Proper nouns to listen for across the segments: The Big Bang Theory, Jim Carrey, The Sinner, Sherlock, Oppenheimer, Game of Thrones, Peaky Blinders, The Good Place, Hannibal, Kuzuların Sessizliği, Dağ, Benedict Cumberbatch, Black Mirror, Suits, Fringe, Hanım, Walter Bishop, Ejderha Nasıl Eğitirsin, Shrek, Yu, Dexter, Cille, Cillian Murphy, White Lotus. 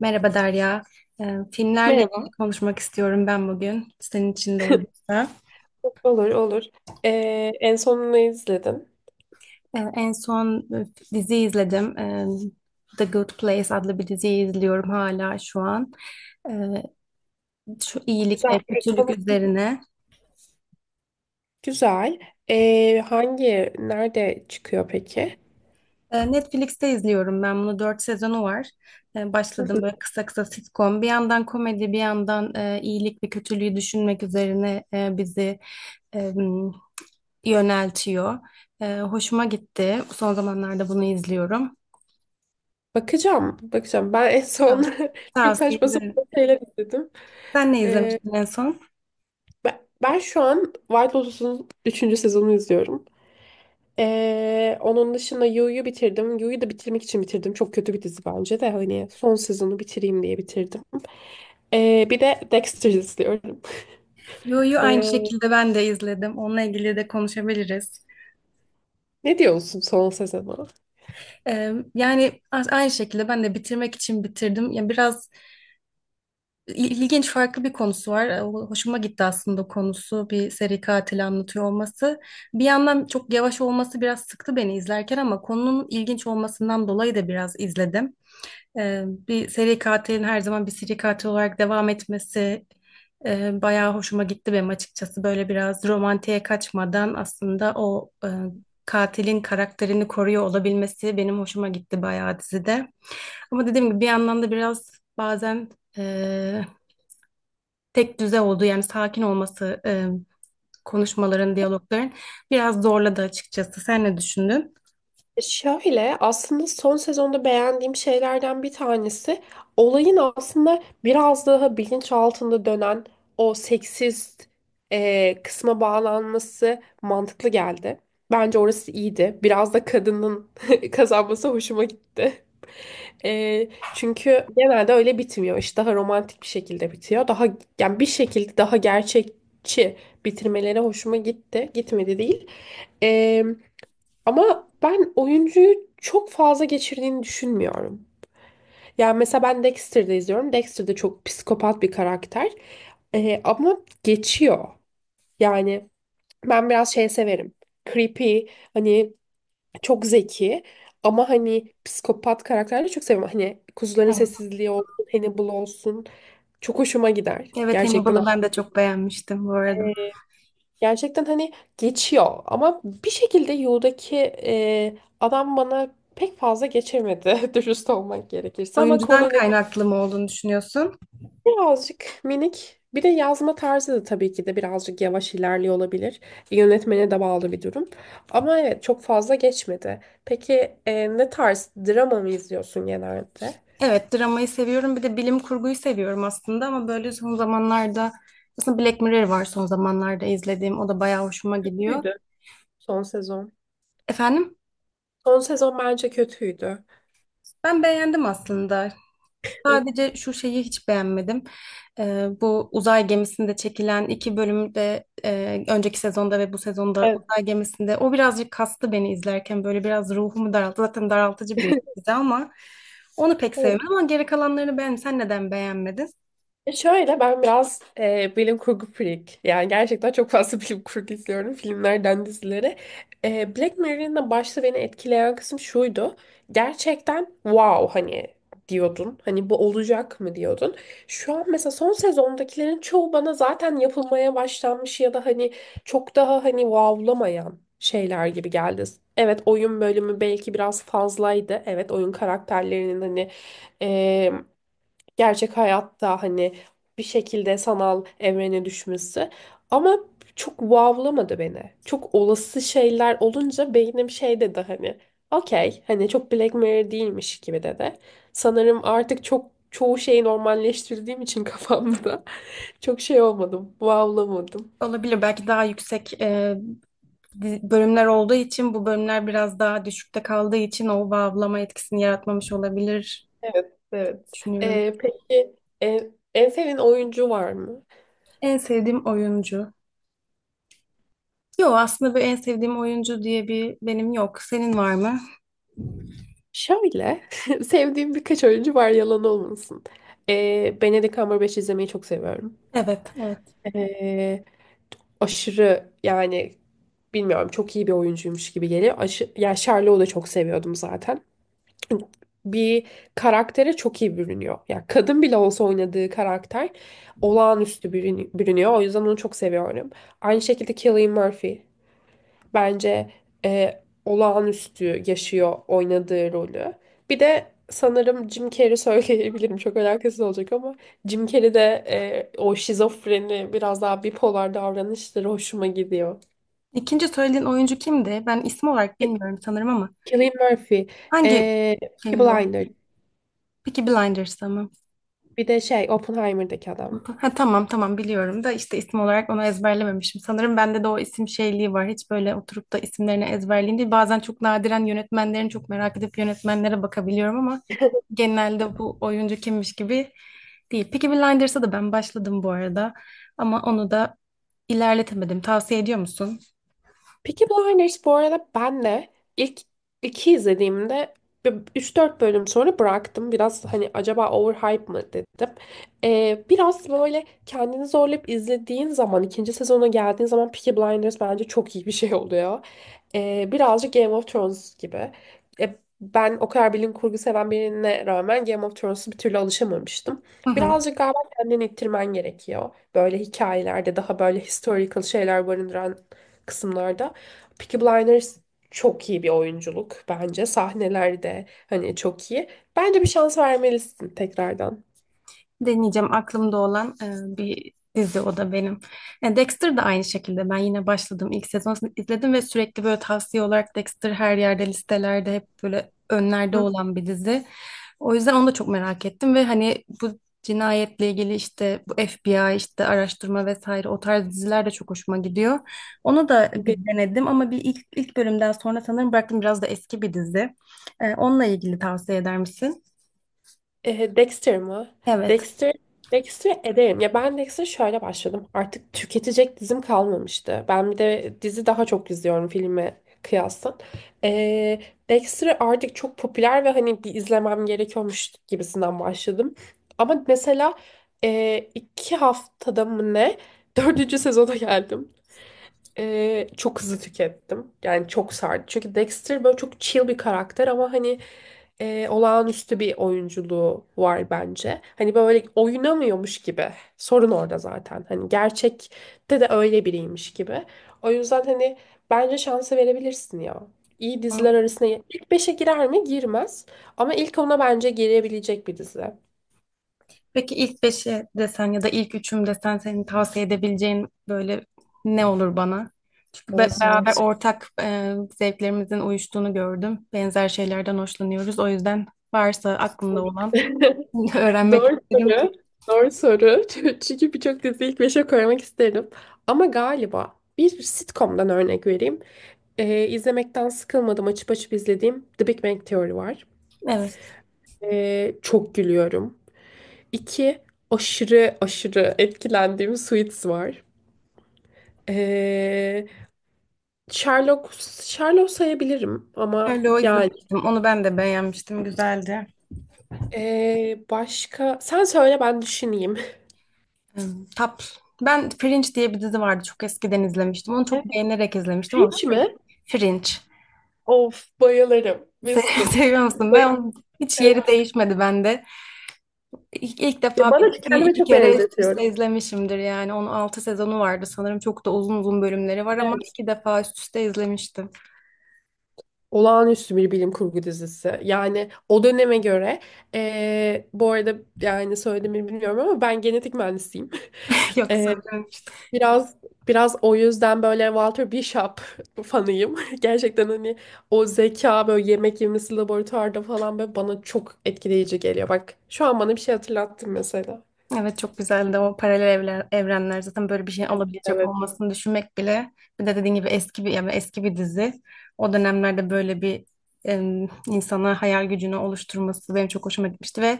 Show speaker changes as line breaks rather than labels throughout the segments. Merhaba Derya. Filmlerle
Merhaba.
ilgili konuşmak istiyorum ben bugün. Senin için de uygunsa.
Olur, olur. En son ne izledin?
Ee, en son e, dizi izledim. The Good Place adlı bir diziyi izliyorum hala şu an. Ee, Şu iyilik
Güzel.
ve
Peki
kötülük
konusu ne?
üzerine.
Güzel. Nerede çıkıyor peki?
Netflix'te izliyorum ben bunu. Dört sezonu var.
Hı hı.
Başladım böyle kısa kısa sitcom. Bir yandan komedi, bir yandan iyilik ve kötülüğü düşünmek üzerine bizi e, yöneltiyor. Hoşuma gitti. Son zamanlarda bunu izliyorum.
Bakacağım, bakacağım. Ben en
Ha,
son çok
Tavsiye
saçma
ederim.
sapan şeyler izledim.
Sen ne
Ee,
izlemiştin en son?
ben şu an White Lotus'un üçüncü sezonunu izliyorum. Onun dışında Yu'yu bitirdim. Yu'yu da bitirmek için bitirdim. Çok kötü bir dizi bence de hani son sezonu bitireyim diye bitirdim. Bir de Dexter izliyorum.
Yu'yu aynı şekilde ben de izledim. Onunla ilgili de konuşabiliriz.
Ne diyorsun son sezona?
Aynı şekilde ben de bitirmek için bitirdim. Yani biraz ilginç farklı bir konusu var. Hoşuma gitti aslında konusu. Bir seri katil anlatıyor olması. Bir yandan çok yavaş olması biraz sıktı beni izlerken ama konunun ilginç olmasından dolayı da biraz izledim. Bir seri katilin her zaman bir seri katil olarak devam etmesi bayağı hoşuma gitti benim açıkçası. Böyle biraz romantiğe kaçmadan aslında o katilin karakterini koruyor olabilmesi benim hoşuma gitti bayağı dizide. Ama dediğim gibi bir yandan da biraz bazen e, tek düze oldu yani sakin olması konuşmaların, diyalogların biraz zorladı açıkçası. Sen ne düşündün?
Şöyle aslında son sezonda beğendiğim şeylerden bir tanesi, olayın aslında biraz daha bilinç altında dönen o seksist kısma bağlanması mantıklı geldi. Bence orası iyiydi. Biraz da kadının kazanması hoşuma gitti. Çünkü genelde öyle bitmiyor. İş daha romantik bir şekilde bitiyor. Daha yani bir şekilde daha gerçekçi bitirmeleri hoşuma gitti. Gitmedi değil. Ama ben oyuncuyu çok fazla geçirdiğini düşünmüyorum. Yani mesela ben Dexter'da izliyorum. Dexter de çok psikopat bir karakter. Ama geçiyor. Yani ben biraz şey severim. Creepy, hani çok zeki ama hani psikopat karakterleri çok seviyorum. Hani Kuzuların
Evet,
Sessizliği olsun, Hannibal olsun. Çok hoşuma gider.
evet,
Gerçekten.
Hannibal'ı ben de çok beğenmiştim bu arada.
Gerçekten hani geçiyor ama bir şekilde Yu'daki adam bana pek fazla geçemedi dürüst olmak gerekirse ama
Oyuncudan kaynaklı mı olduğunu düşünüyorsun?
birazcık minik bir de yazma tarzı da tabii ki de birazcık yavaş ilerliyor olabilir. Yönetmene de bağlı bir durum ama evet çok fazla geçmedi. Peki ne tarz drama mı izliyorsun genelde?
Evet, dramayı seviyorum. Bir de bilim kurguyu seviyorum aslında ama böyle son zamanlarda aslında Black Mirror var son zamanlarda izlediğim. O da bayağı hoşuma gidiyor.
Kötüydü son sezon.
Efendim?
Son sezon bence kötüydü.
Ben beğendim aslında. Sadece şu şeyi hiç beğenmedim. Bu uzay gemisinde çekilen iki bölümde önceki sezonda ve bu sezonda
Evet.
uzay gemisinde o birazcık kastı beni izlerken böyle biraz ruhumu daralttı. Zaten daraltıcı bir dizi ama onu pek sevmedim ama geri kalanlarını beğendim. Sen neden beğenmedin?
Şöyle ben biraz bilim kurgu freak. Yani gerçekten çok fazla bilim kurgu izliyorum, filmlerden dizilere. Black Mirror'ın da başta beni etkileyen kısım şuydu. Gerçekten wow hani diyordun. Hani bu olacak mı diyordun. Şu an mesela son sezondakilerin çoğu bana zaten yapılmaya başlanmış ya da hani çok daha hani wowlamayan şeyler gibi geldi. Evet, oyun bölümü belki biraz fazlaydı. Evet, oyun karakterlerinin hani gerçek hayatta hani bir şekilde sanal evrene düşmesi. Ama çok wowlamadı beni. Çok olası şeyler olunca beynim şey dedi, hani okey hani çok Black Mirror değilmiş gibi dedi. Sanırım artık çok çoğu şeyi normalleştirdiğim için kafamda çok şey olmadım, wowlamadım.
Olabilir, belki daha yüksek bölümler olduğu için bu bölümler biraz daha düşükte kaldığı için o bağlama etkisini yaratmamış olabilir
Evet, evet.
düşünüyorum.
Peki, en sevdiğin oyuncu var mı?
En sevdiğim oyuncu. Yok aslında bir en sevdiğim oyuncu diye bir benim yok. Senin var mı?
Şöyle, sevdiğim birkaç oyuncu var, yalan olmasın. Benedict Cumberbatch izlemeyi çok seviyorum.
Evet, evet.
Ee, Aşırı yani bilmiyorum, çok iyi bir oyuncuymuş gibi geliyor. Ya Sherlock'u da çok seviyordum zaten. Bir karaktere çok iyi bürünüyor. Ya kadın bile olsa oynadığı karakter olağanüstü bürünüyor. O yüzden onu çok seviyorum. Aynı şekilde Cillian Murphy bence olağanüstü yaşıyor oynadığı rolü. Bir de sanırım Jim Carrey söyleyebilirim. Çok alakasız olacak ama Jim Carrey'de o şizofreni biraz daha bipolar davranışları hoşuma gidiyor.
İkinci söylediğin oyuncu kimdi? Ben isim olarak
Ki-
bilmiyorum sanırım ama
Cillian Murphy,
hangi
e, Peaky
filmdi o?
Blinders,
Peaky Blinders'ta mı?
bir de şey, Oppenheimer'daki adam.
Ha, tamam tamam, biliyorum da işte isim olarak onu ezberlememişim. Sanırım bende de o isim şeyliği var. Hiç böyle oturup da isimlerini ezberleyeyim değil. Bazen çok nadiren yönetmenlerin çok merak edip yönetmenlere bakabiliyorum ama genelde bu oyuncu kimmiş gibi değil. Peaky Blinders'a da ben başladım bu arada ama onu da ilerletemedim. Tavsiye ediyor musun?
Peaky Blinders bu arada ben de ilk iki izlediğimde üç dört bölüm sonra bıraktım. Biraz hani acaba overhype mı dedim. Biraz böyle kendini zorlayıp izlediğin zaman, ikinci sezona geldiğin zaman, Peaky Blinders bence çok iyi bir şey oluyor. Birazcık Game of Thrones gibi. E, Ben o kadar bilim kurgu seven birine rağmen Game of Thrones'a bir türlü alışamamıştım.
Hı hı.
Birazcık galiba kendini ittirmen gerekiyor. Böyle hikayelerde, daha böyle historical şeyler barındıran kısımlarda. Peaky Blinders çok iyi bir oyunculuk bence. Sahnelerde hani çok iyi. Bence bir şans vermelisin tekrardan.
Deneyeceğim, aklımda olan bir dizi o da benim. Dexter da aynı şekilde ben yine başladım. İlk sezonunu izledim ve sürekli böyle tavsiye olarak Dexter her yerde listelerde hep böyle önlerde
Hı.
olan bir dizi. O yüzden onu da çok merak ettim ve hani bu cinayetle ilgili işte bu FBI işte araştırma vesaire o tarz diziler de çok hoşuma gidiyor. Onu da bir
Be-
denedim ama bir ilk bölümden sonra sanırım bıraktım, biraz da eski bir dizi. Onunla ilgili tavsiye eder misin?
Dexter mı?
Evet.
Dexter Dexter ederim. Ya ben Dexter şöyle başladım. Artık tüketecek dizim kalmamıştı. Ben bir de dizi daha çok izliyorum filme kıyasla. E, Dexter artık çok popüler ve hani bir izlemem gerekiyormuş gibisinden başladım. Ama mesela iki haftada mı ne? Dördüncü sezona geldim. Çok hızlı tükettim. Yani çok sardı. Çünkü Dexter böyle çok chill bir karakter ama hani olağanüstü bir oyunculuğu var bence. Hani böyle oynamıyormuş gibi. Sorun orada zaten. Hani gerçekte de öyle biriymiş gibi. O yüzden hani bence şansı verebilirsin ya. İyi diziler
Am,
arasına ilk beşe girer mi? Girmez. Ama ilk ona bence girebilecek bir dizi.
peki ilk beşi desen ya da ilk üçüm desen senin tavsiye edebileceğin böyle ne olur bana? Çünkü
O zor.
beraber ortak zevklerimizin uyuştuğunu gördüm. Benzer şeylerden hoşlanıyoruz. O yüzden varsa aklında
Zor.
olan öğrenmek
Zor
isterim.
soru. Zor soru. Çünkü birçok diziyi ilk beşe koymak isterim. Ama galiba bir sitcom'dan örnek vereyim. İzlemekten sıkılmadım. Açıp açıp izlediğim The Big Bang Theory var.
Evet.
Çok gülüyorum. İki, aşırı aşırı etkilendiğim Suits var. Ee, Sherlock, Sherlock sayabilirim ama
Sherlock'u
yani
izlemiştim. Onu ben de beğenmiştim. Güzeldi.
başka... Sen söyle ben düşüneyim.
Hmm, tap. Ben Fringe diye bir dizi vardı. Çok eskiden izlemiştim. Onu çok
Evet.
beğenerek izlemiştim ama
Fringe mi?
Fringe.
Of, bayılırım.
Se
Winston.
seviyor musun? Ben onun hiç yeri
Bayılırım.
değişmedi bende. İlk
Ya,
defa bir
bana
diziyi
kendime
iki
çok
kere üst
benzetiyorum.
üste izlemişimdir yani. Onun altı sezonu vardı sanırım. Çok da uzun uzun bölümleri var ama
Evet.
iki defa üst üste izlemiştim.
Olağanüstü bir bilim kurgu dizisi. Yani o döneme göre bu arada yani söylediğimi bilmiyorum ama ben genetik mühendisiyim.
Yok
Eee,
söyle.
biraz biraz o yüzden böyle Walter Bishop fanıyım. Gerçekten hani o zeka, böyle yemek yemesi laboratuvarda falan, böyle bana çok etkileyici geliyor. Bak şu an bana bir şey hatırlattın mesela.
Evet, çok güzeldi o paralel evler, evrenler zaten böyle bir şey
Evet,
olabilecek
evet.
olmasını düşünmek bile, bir de dediğin gibi eski bir yani eski bir dizi o dönemlerde böyle bir insana hayal gücünü oluşturması benim çok hoşuma gitmişti ve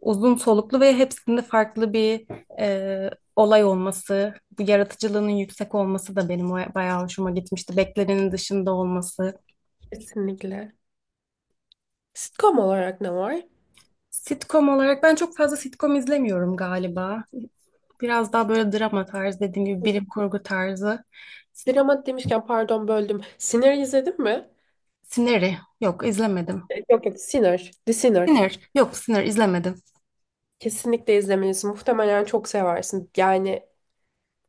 uzun soluklu ve hepsinde farklı bir e, olay olması bu yaratıcılığının yüksek olması da benim bayağı hoşuma gitmişti, beklenenin dışında olması.
Kesinlikle. Sitcom olarak ne var?
Sitcom olarak ben çok fazla sitcom izlemiyorum galiba. Biraz daha böyle drama tarzı dediğim gibi, bilim kurgu tarzı. Sitcom,
Dramat demişken, pardon böldüm. Sinner izledin mi?
Sinner'i yok izlemedim.
Yok yok, Sinner. The Sinner.
Sinner yok, Sinner izlemedim.
Kesinlikle izlemelisin. Muhtemelen çok seversin. Yani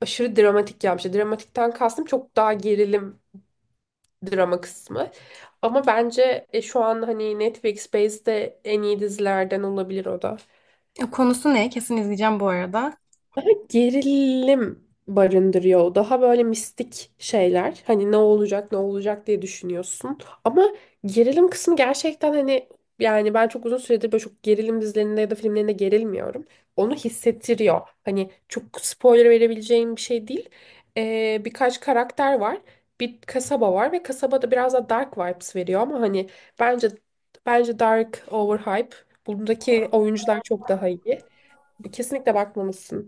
aşırı dramatik yapmış. Dramatikten kastım çok daha gerilim drama kısmı. Ama bence şu an hani Netflix Space'de en iyi dizilerden olabilir o da.
E, konusu ne? Kesin izleyeceğim bu arada.
Daha gerilim barındırıyor o. Daha böyle mistik şeyler. Hani ne olacak ne olacak diye düşünüyorsun. Ama gerilim kısmı gerçekten hani, yani ben çok uzun süredir böyle çok gerilim dizilerinde ya da filmlerinde gerilmiyorum. Onu hissettiriyor. Hani çok spoiler verebileceğim bir şey değil. Birkaç karakter var. Bir kasaba var ve kasabada biraz da dark vibes veriyor ama hani bence, dark overhype. Bundaki oyuncular çok daha iyi. Kesinlikle bakmalısın.